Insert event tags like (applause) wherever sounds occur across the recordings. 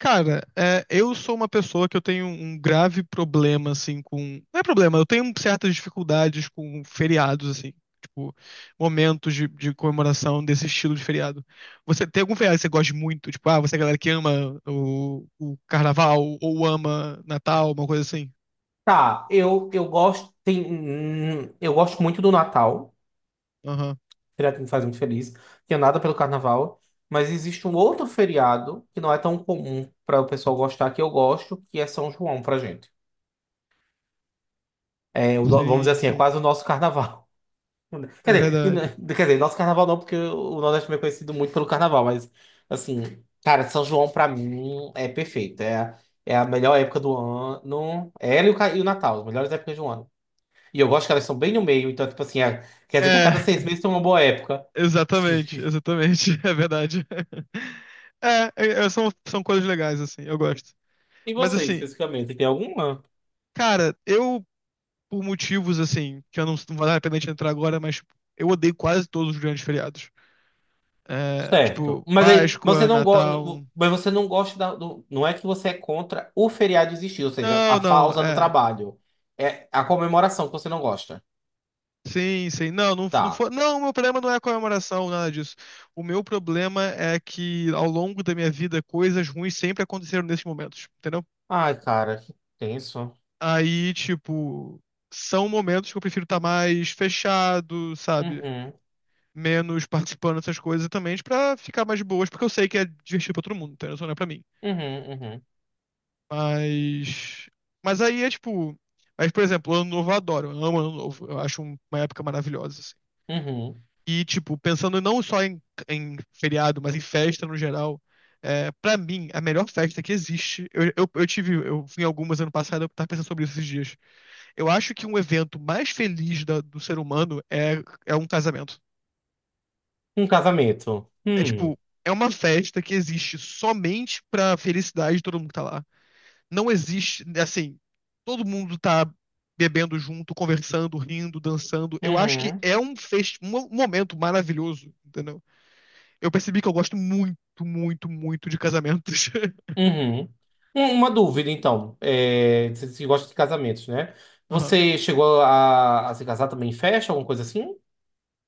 Cara, eu sou uma pessoa que eu tenho um grave problema, assim, com. Não é problema, eu tenho certas dificuldades com feriados, assim. Tipo, momentos de comemoração desse estilo de feriado. Você tem algum feriado que você gosta muito? Tipo, ah, você é a galera que ama o carnaval ou ama Natal, uma coisa assim? Tá, eu gosto tem, eu gosto muito do Natal, Aham. feriado que me faz muito feliz, que é nada pelo Carnaval, mas existe um outro feriado que não é tão comum para o pessoal gostar que eu gosto, que é São João pra gente. É, o no- vamos dizer Sim, assim, é sim. quase o nosso Carnaval. (laughs) Quer É dizer, verdade. quer dizer, nosso Carnaval não, porque o Nordeste também é conhecido muito pelo Carnaval, mas assim, cara, São João pra mim é perfeito, é a melhor época do ano, é ela e o Natal, as melhores épocas do ano. E eu gosto que elas são bem no meio, então, tipo assim, quer dizer que a É, cada 6 meses tem uma boa época. (laughs) (laughs) exatamente, exatamente. (laughs) É verdade. (laughs) São coisas legais, assim, eu gosto. E Mas você, assim, especificamente, tem alguma? cara, eu, por motivos assim, que eu não vale a pena a gente entrar agora, mas tipo, eu odeio quase todos os grandes feriados. É, Certo. tipo, Mas aí, você Páscoa, não gosta, Natal. mas você não gosta não é que você é contra o feriado existir, ou seja, a Não, não, pausa no é. trabalho. É a comemoração que você não gosta. Sim, sim. Não, não, não Tá. foi. Não, o meu problema não é a comemoração, nada disso. O meu problema é que ao longo da minha vida coisas ruins sempre aconteceram nesses momentos, entendeu? Ai, cara, que tenso. Aí, tipo, são momentos que eu prefiro estar mais fechado, sabe? Uhum, Menos participando dessas coisas também pra ficar mais de boas, porque eu sei que é divertido pra todo mundo, entendeu? Só não é pra mim. uhum, uhum, Mas. Mas aí é tipo. Mas, por exemplo, Ano Novo eu adoro, eu amo Ano Novo, eu acho uma época maravilhosa, assim. uhum. E, tipo, pensando não só em, em feriado, mas em festa no geral, é, para mim, a melhor festa que existe, eu tive, eu fui em algumas ano passado, eu tava pensando sobre isso esses dias. Eu acho que um evento mais feliz do ser humano é um casamento. Um casamento. É tipo, é uma festa que existe somente pra felicidade de todo mundo que tá lá. Não existe, assim, todo mundo tá bebendo junto, conversando, rindo, dançando. Eu acho que Uhum. é um, um momento maravilhoso, entendeu? Eu percebi que eu gosto muito, muito, muito de casamentos. (laughs) Uhum. Uma dúvida, então. É, você gosta de casamentos, né? Aham. Você chegou a se casar também em festa, alguma coisa assim?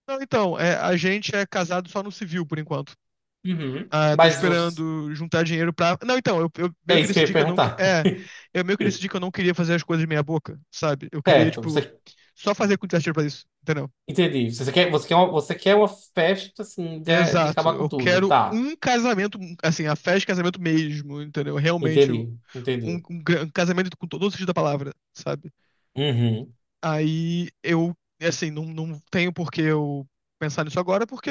Não, então, é, a gente é casado só no civil, por enquanto. Uhum. Ah, tô esperando juntar dinheiro pra. Não, então, eu meio É que isso que eu ia decidi que eu não. Perguntar. (laughs) É, eu meio que decidi que eu não queria fazer as coisas de meia boca, sabe? Eu queria, Certo, tipo, você só fazer quantitativa pra isso, entendeu? entendi. Você quer uma festa assim de Exato. acabar com Eu tudo, quero tá? um casamento, assim, a festa de casamento mesmo, entendeu? Realmente, um, Entendi, entendi. um um casamento com todo o sentido da palavra, sabe? Uhum, Aí eu, assim, não tenho por que eu pensar nisso agora, porque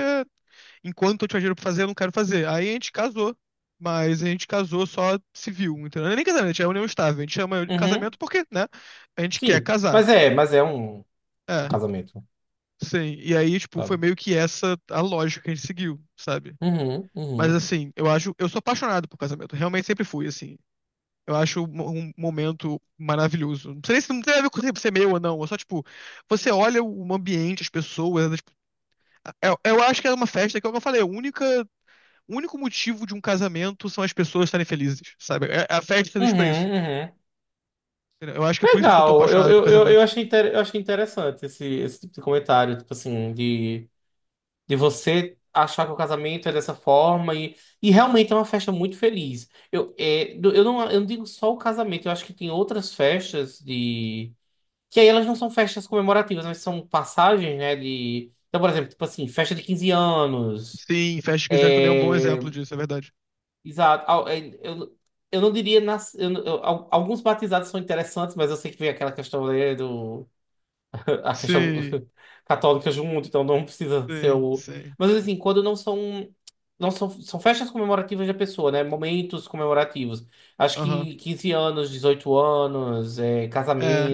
enquanto eu tinha dinheiro pra fazer, eu não quero fazer. Aí a gente casou, mas a gente casou só civil, entendeu? Não é nem casamento, é união estável. A gente chama de casamento uhum. porque, né? A gente quer Sim, casar. Mas é um, um É, casamento, sim. E aí, tipo, foi sabe? meio que essa a lógica que a gente seguiu, sabe? Uhum, Mas uhum, assim, eu acho, eu sou apaixonado por casamento. Realmente sempre fui, assim. Eu acho um um momento maravilhoso. Não sei nem se não tem a ver com ser meu ou não. É só, tipo, você olha o ambiente, as pessoas. É, tipo, eu acho que é uma festa que, como eu falei, a única, o único motivo de um casamento são as pessoas estarem felizes, sabe? A festa é feliz uhum, pra isso. uhum. Eu acho que é por isso que eu sou tão Legal, eu, apaixonado por eu, eu, eu casamento. achei, eu achei interessante esse, esse tipo de comentário, tipo assim, de você achar que o casamento é dessa forma e realmente é uma festa muito feliz. Eu, é, eu não digo só o casamento, eu acho que tem outras festas de... que aí elas não são festas comemorativas, mas são passagens, né, de... Então, por exemplo, tipo assim, festa de 15 anos, Sim, festa de 15 anos também é um bom é, exemplo disso, é verdade. exato, é, eu não diria... Nas, alguns batizados são interessantes, mas eu sei que vem aquela questão né, do... Há questões Sim, (laughs) católicas do mundo, então não precisa ser sim, o. sim. Mas assim, quando não são. Não são, são festas comemorativas da pessoa, né? Momentos comemorativos. Acho Aham. que 15 anos, 18 anos, é, É,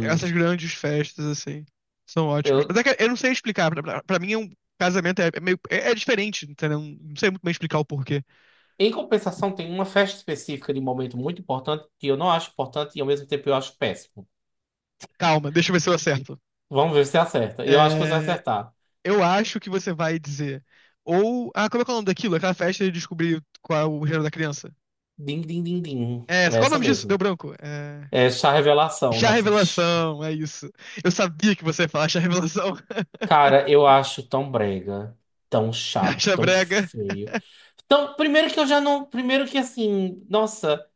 essas grandes festas, assim, são ótimas. Mas é Eu, que eu não sei explicar. Pra mim, é um casamento é meio. É, é diferente, entendeu? Não sei muito bem explicar o porquê. em compensação, tem uma festa específica de momento muito importante que eu não acho importante e ao mesmo tempo eu acho péssimo. Calma, deixa eu ver se eu acerto. Vamos ver se você acerta. Eu acho que você vai É, acertar. eu acho que você vai dizer. Ou. Ah, como é que é o nome daquilo? Aquela festa de descobrir qual é o gênero da criança. Din, din, din, din. É, É qual é o essa nome disso? Deu mesmo. branco. É. É chá revelação. Chá Nossa, (laughs) bicho. revelação, é isso. Eu sabia que você ia falar chá revelação. (laughs) Cara, eu acho tão brega, tão chato, Chá tão brega. feio. Então, primeiro que eu já não. Primeiro que assim, nossa,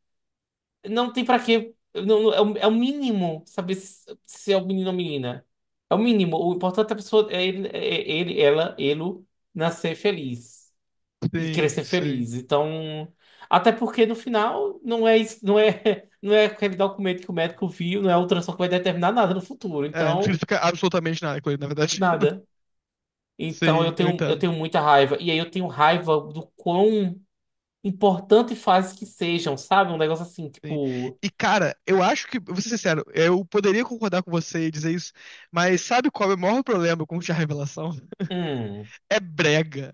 não tem pra quê. Não, é, o, é o mínimo saber se, se é o menino ou menina. É o mínimo. O importante é a pessoa, é ele, é ele, ela, ele nascer feliz e Sim, crescer sim. feliz. Então, até porque no final não é isso, não é, (laughs) não é aquele documento que o médico viu, não é a ultrassom que vai determinar nada no futuro. É, não Então, significa absolutamente nada com ele, na verdade. (laughs) nada. Então eu Sim, eu tenho, eu entendo. tenho muita raiva. E aí eu tenho raiva do quão importante faz que sejam, sabe? Um negócio assim, Sim. tipo. E, cara, eu acho que, vou ser sincero, eu poderia concordar com você e dizer isso, mas sabe qual é o maior problema com chá revelação? Hum. É brega.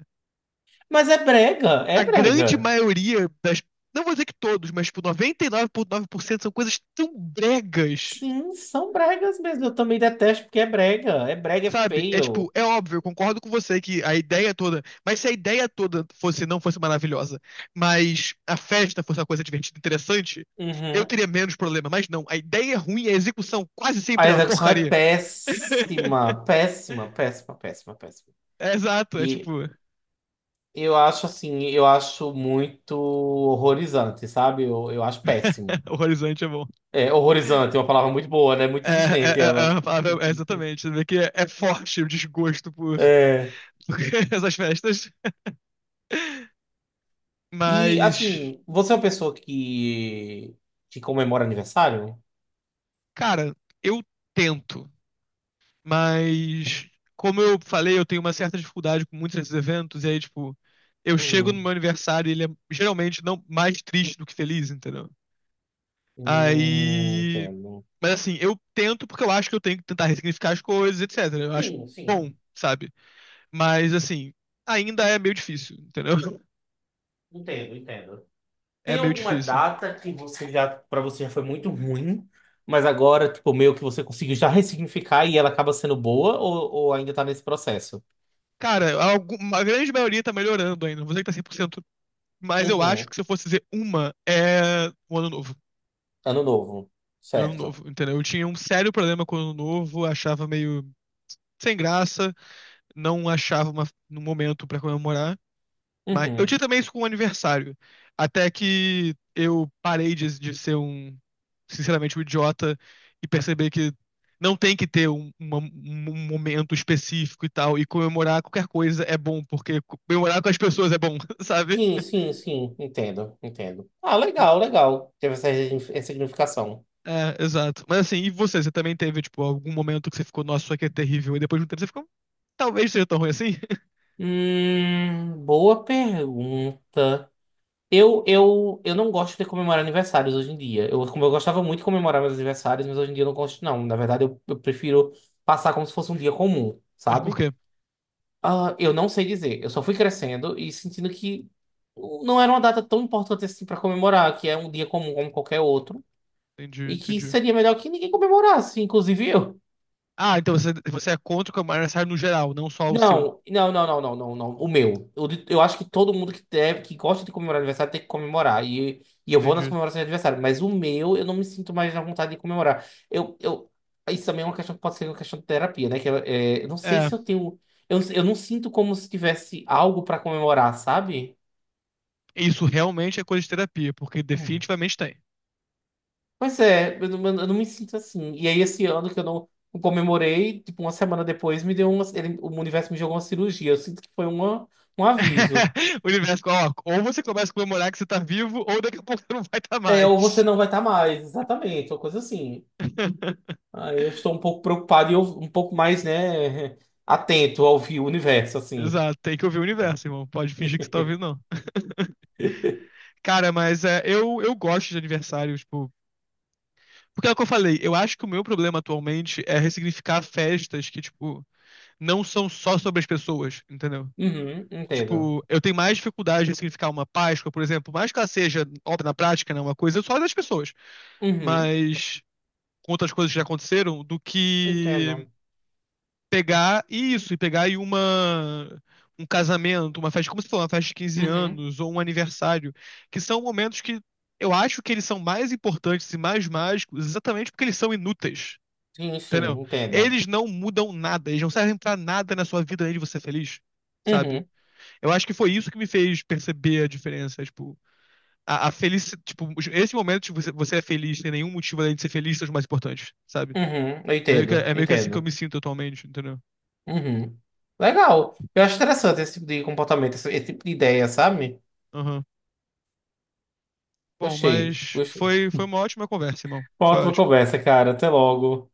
Mas é brega, é A brega. grande maioria das. Não vou dizer que todos, mas tipo, 99,9% são coisas tão bregas. Sim, são bregas mesmo. Eu também detesto porque é brega. É brega, é Sabe? É tipo, feio. é óbvio, eu concordo com você que a ideia toda. Mas se a ideia toda fosse não fosse maravilhosa, mas a festa fosse uma coisa divertida, interessante, eu Uhum. teria menos problema. Mas não, a ideia é ruim, a execução quase A sempre é uma execução é porcaria. (laughs) péssima, péssima, péssima, péssima, péssima. É exato, é tipo. E eu acho assim, eu acho muito horrorizante, sabe? Eu acho péssimo. (laughs) O horizonte é bom. É, horrorizante é uma palavra muito boa, né? É, Muito é, existente é, ela. é uma palavra- é exatamente. Você vê que é forte o desgosto por É. (laughs) essas festas. E Mas, assim, você é uma pessoa que comemora aniversário? cara, eu tento. Mas, como eu falei, eu tenho uma certa dificuldade com muitos desses eventos. E aí, tipo, eu chego no Uhum. meu aniversário e ele é geralmente não mais triste do que feliz, entendeu? Aí. Entendo. Mas assim, eu tento porque eu acho que eu tenho que tentar ressignificar as coisas, etc. Eu acho Sim, bom, sim. sabe? Mas assim, ainda é meio difícil, entendeu? (laughs) Entendo, entendo. É Tem meio alguma difícil. data que você já, para você já foi muito ruim, mas agora, tipo, meio que você conseguiu já ressignificar e ela acaba sendo boa ou ainda tá nesse processo? Cara, a grande maioria tá melhorando ainda. Não vou dizer que tá 100%. Mas eu acho Uhum. que se eu fosse dizer uma, é o Ano Novo. Ano novo. É o Ano Certo. Novo, entendeu? Eu tinha um sério problema com o Ano Novo, achava meio sem graça, não achava uma, um momento pra comemorar. Mas eu tinha Uhum. também isso com o aniversário. Até que eu parei de ser um, sinceramente, um idiota e perceber que não tem que ter um, um momento específico e tal. E comemorar qualquer coisa é bom, porque comemorar com as pessoas é bom, (laughs) sabe? Sim, sim, sim. Entendo, entendo. Ah, legal, legal. Teve essa ressignificação. É, exato. Mas assim, e você? Você também teve, tipo, algum momento que você ficou, nossa, isso aqui é terrível, e depois de um tempo você ficou, talvez seja tão ruim assim? (laughs) Boa pergunta. Eu não gosto de comemorar aniversários hoje em dia. Eu, como eu gostava muito de comemorar meus aniversários, mas hoje em dia eu não gosto, não. Na verdade, eu prefiro passar como se fosse um dia comum, Mas por sabe? quê? Ah, eu não sei dizer. Eu só fui crescendo e sentindo que não era uma data tão importante assim para comemorar, que é um dia comum como qualquer outro, Entendi, e que entendi. seria melhor que ninguém comemorasse, inclusive eu. Ah, então você, você é contra o camarada aniversário no geral, não só o seu. Não, não, não, não, não, não, não. O meu. Eu, acho que todo mundo que deve, que gosta de comemorar aniversário tem que comemorar. E eu vou nas Entendi. comemorações de aniversário. Mas o meu, eu não me sinto mais na vontade de comemorar. Isso também é uma questão que pode ser uma questão de terapia, né? Que eu, é, eu não sei É, se eu tenho. Eu não sinto como se tivesse algo pra comemorar, sabe? isso realmente é coisa de terapia, porque definitivamente tem. Pois é, eu não me sinto assim. E aí, esse ano que eu não, não comemorei, tipo, uma semana depois, me deu uma. O universo me jogou uma cirurgia. Eu sinto que foi uma, um aviso. (laughs) O universo, ó, ou você começa a comemorar que você tá vivo, ou daqui a pouco você não vai estar É, ou você mais. não vai estar mais, exatamente, uma coisa assim. (laughs) Aí eu estou um pouco preocupado e eu, um pouco mais, né, (laughs) atento ao universo, assim. Exato, tem que ouvir o universo, irmão. Pode fingir que você tá ouvindo, não. (laughs) Cara, mas é, eu gosto de aniversário, tipo. Porque é o que eu falei, eu acho que o meu problema atualmente é ressignificar festas que, tipo, não são só sobre as pessoas, entendeu? Uhum, entendo. Tipo, eu tenho mais dificuldade de ressignificar uma Páscoa, por exemplo, mais que ela seja, óbvio, na prática, né, uma coisa só das pessoas, Uhum, mas com outras coisas que já aconteceram, do que entendo. pegar e isso, e pegar e uma um casamento, uma festa, como você falou, uma festa de 15 Uhum, anos ou um aniversário, que são momentos que eu acho que eles são mais importantes e mais mágicos exatamente porque eles são inúteis. sim, Entendeu? sim, entendo. Eles não mudam nada, eles não servem pra nada na sua vida além de você ser feliz, sabe? Uhum, Eu acho que foi isso que me fez perceber a diferença, tipo, a felicidade, tipo, esse momento de você, você é feliz, sem nenhum motivo além de ser feliz, são os mais importantes, sabe? uhum, eu entendo, É meio que assim que eu entendo. me sinto atualmente, entendeu? Uhum. Legal. Eu acho interessante esse tipo de comportamento, esse tipo de ideia, sabe? Aham. Bom, Gostei, mas gostei. foi, foi uma ótima conversa, irmão. Uma Foi ótima ótimo. conversa, cara. Até logo.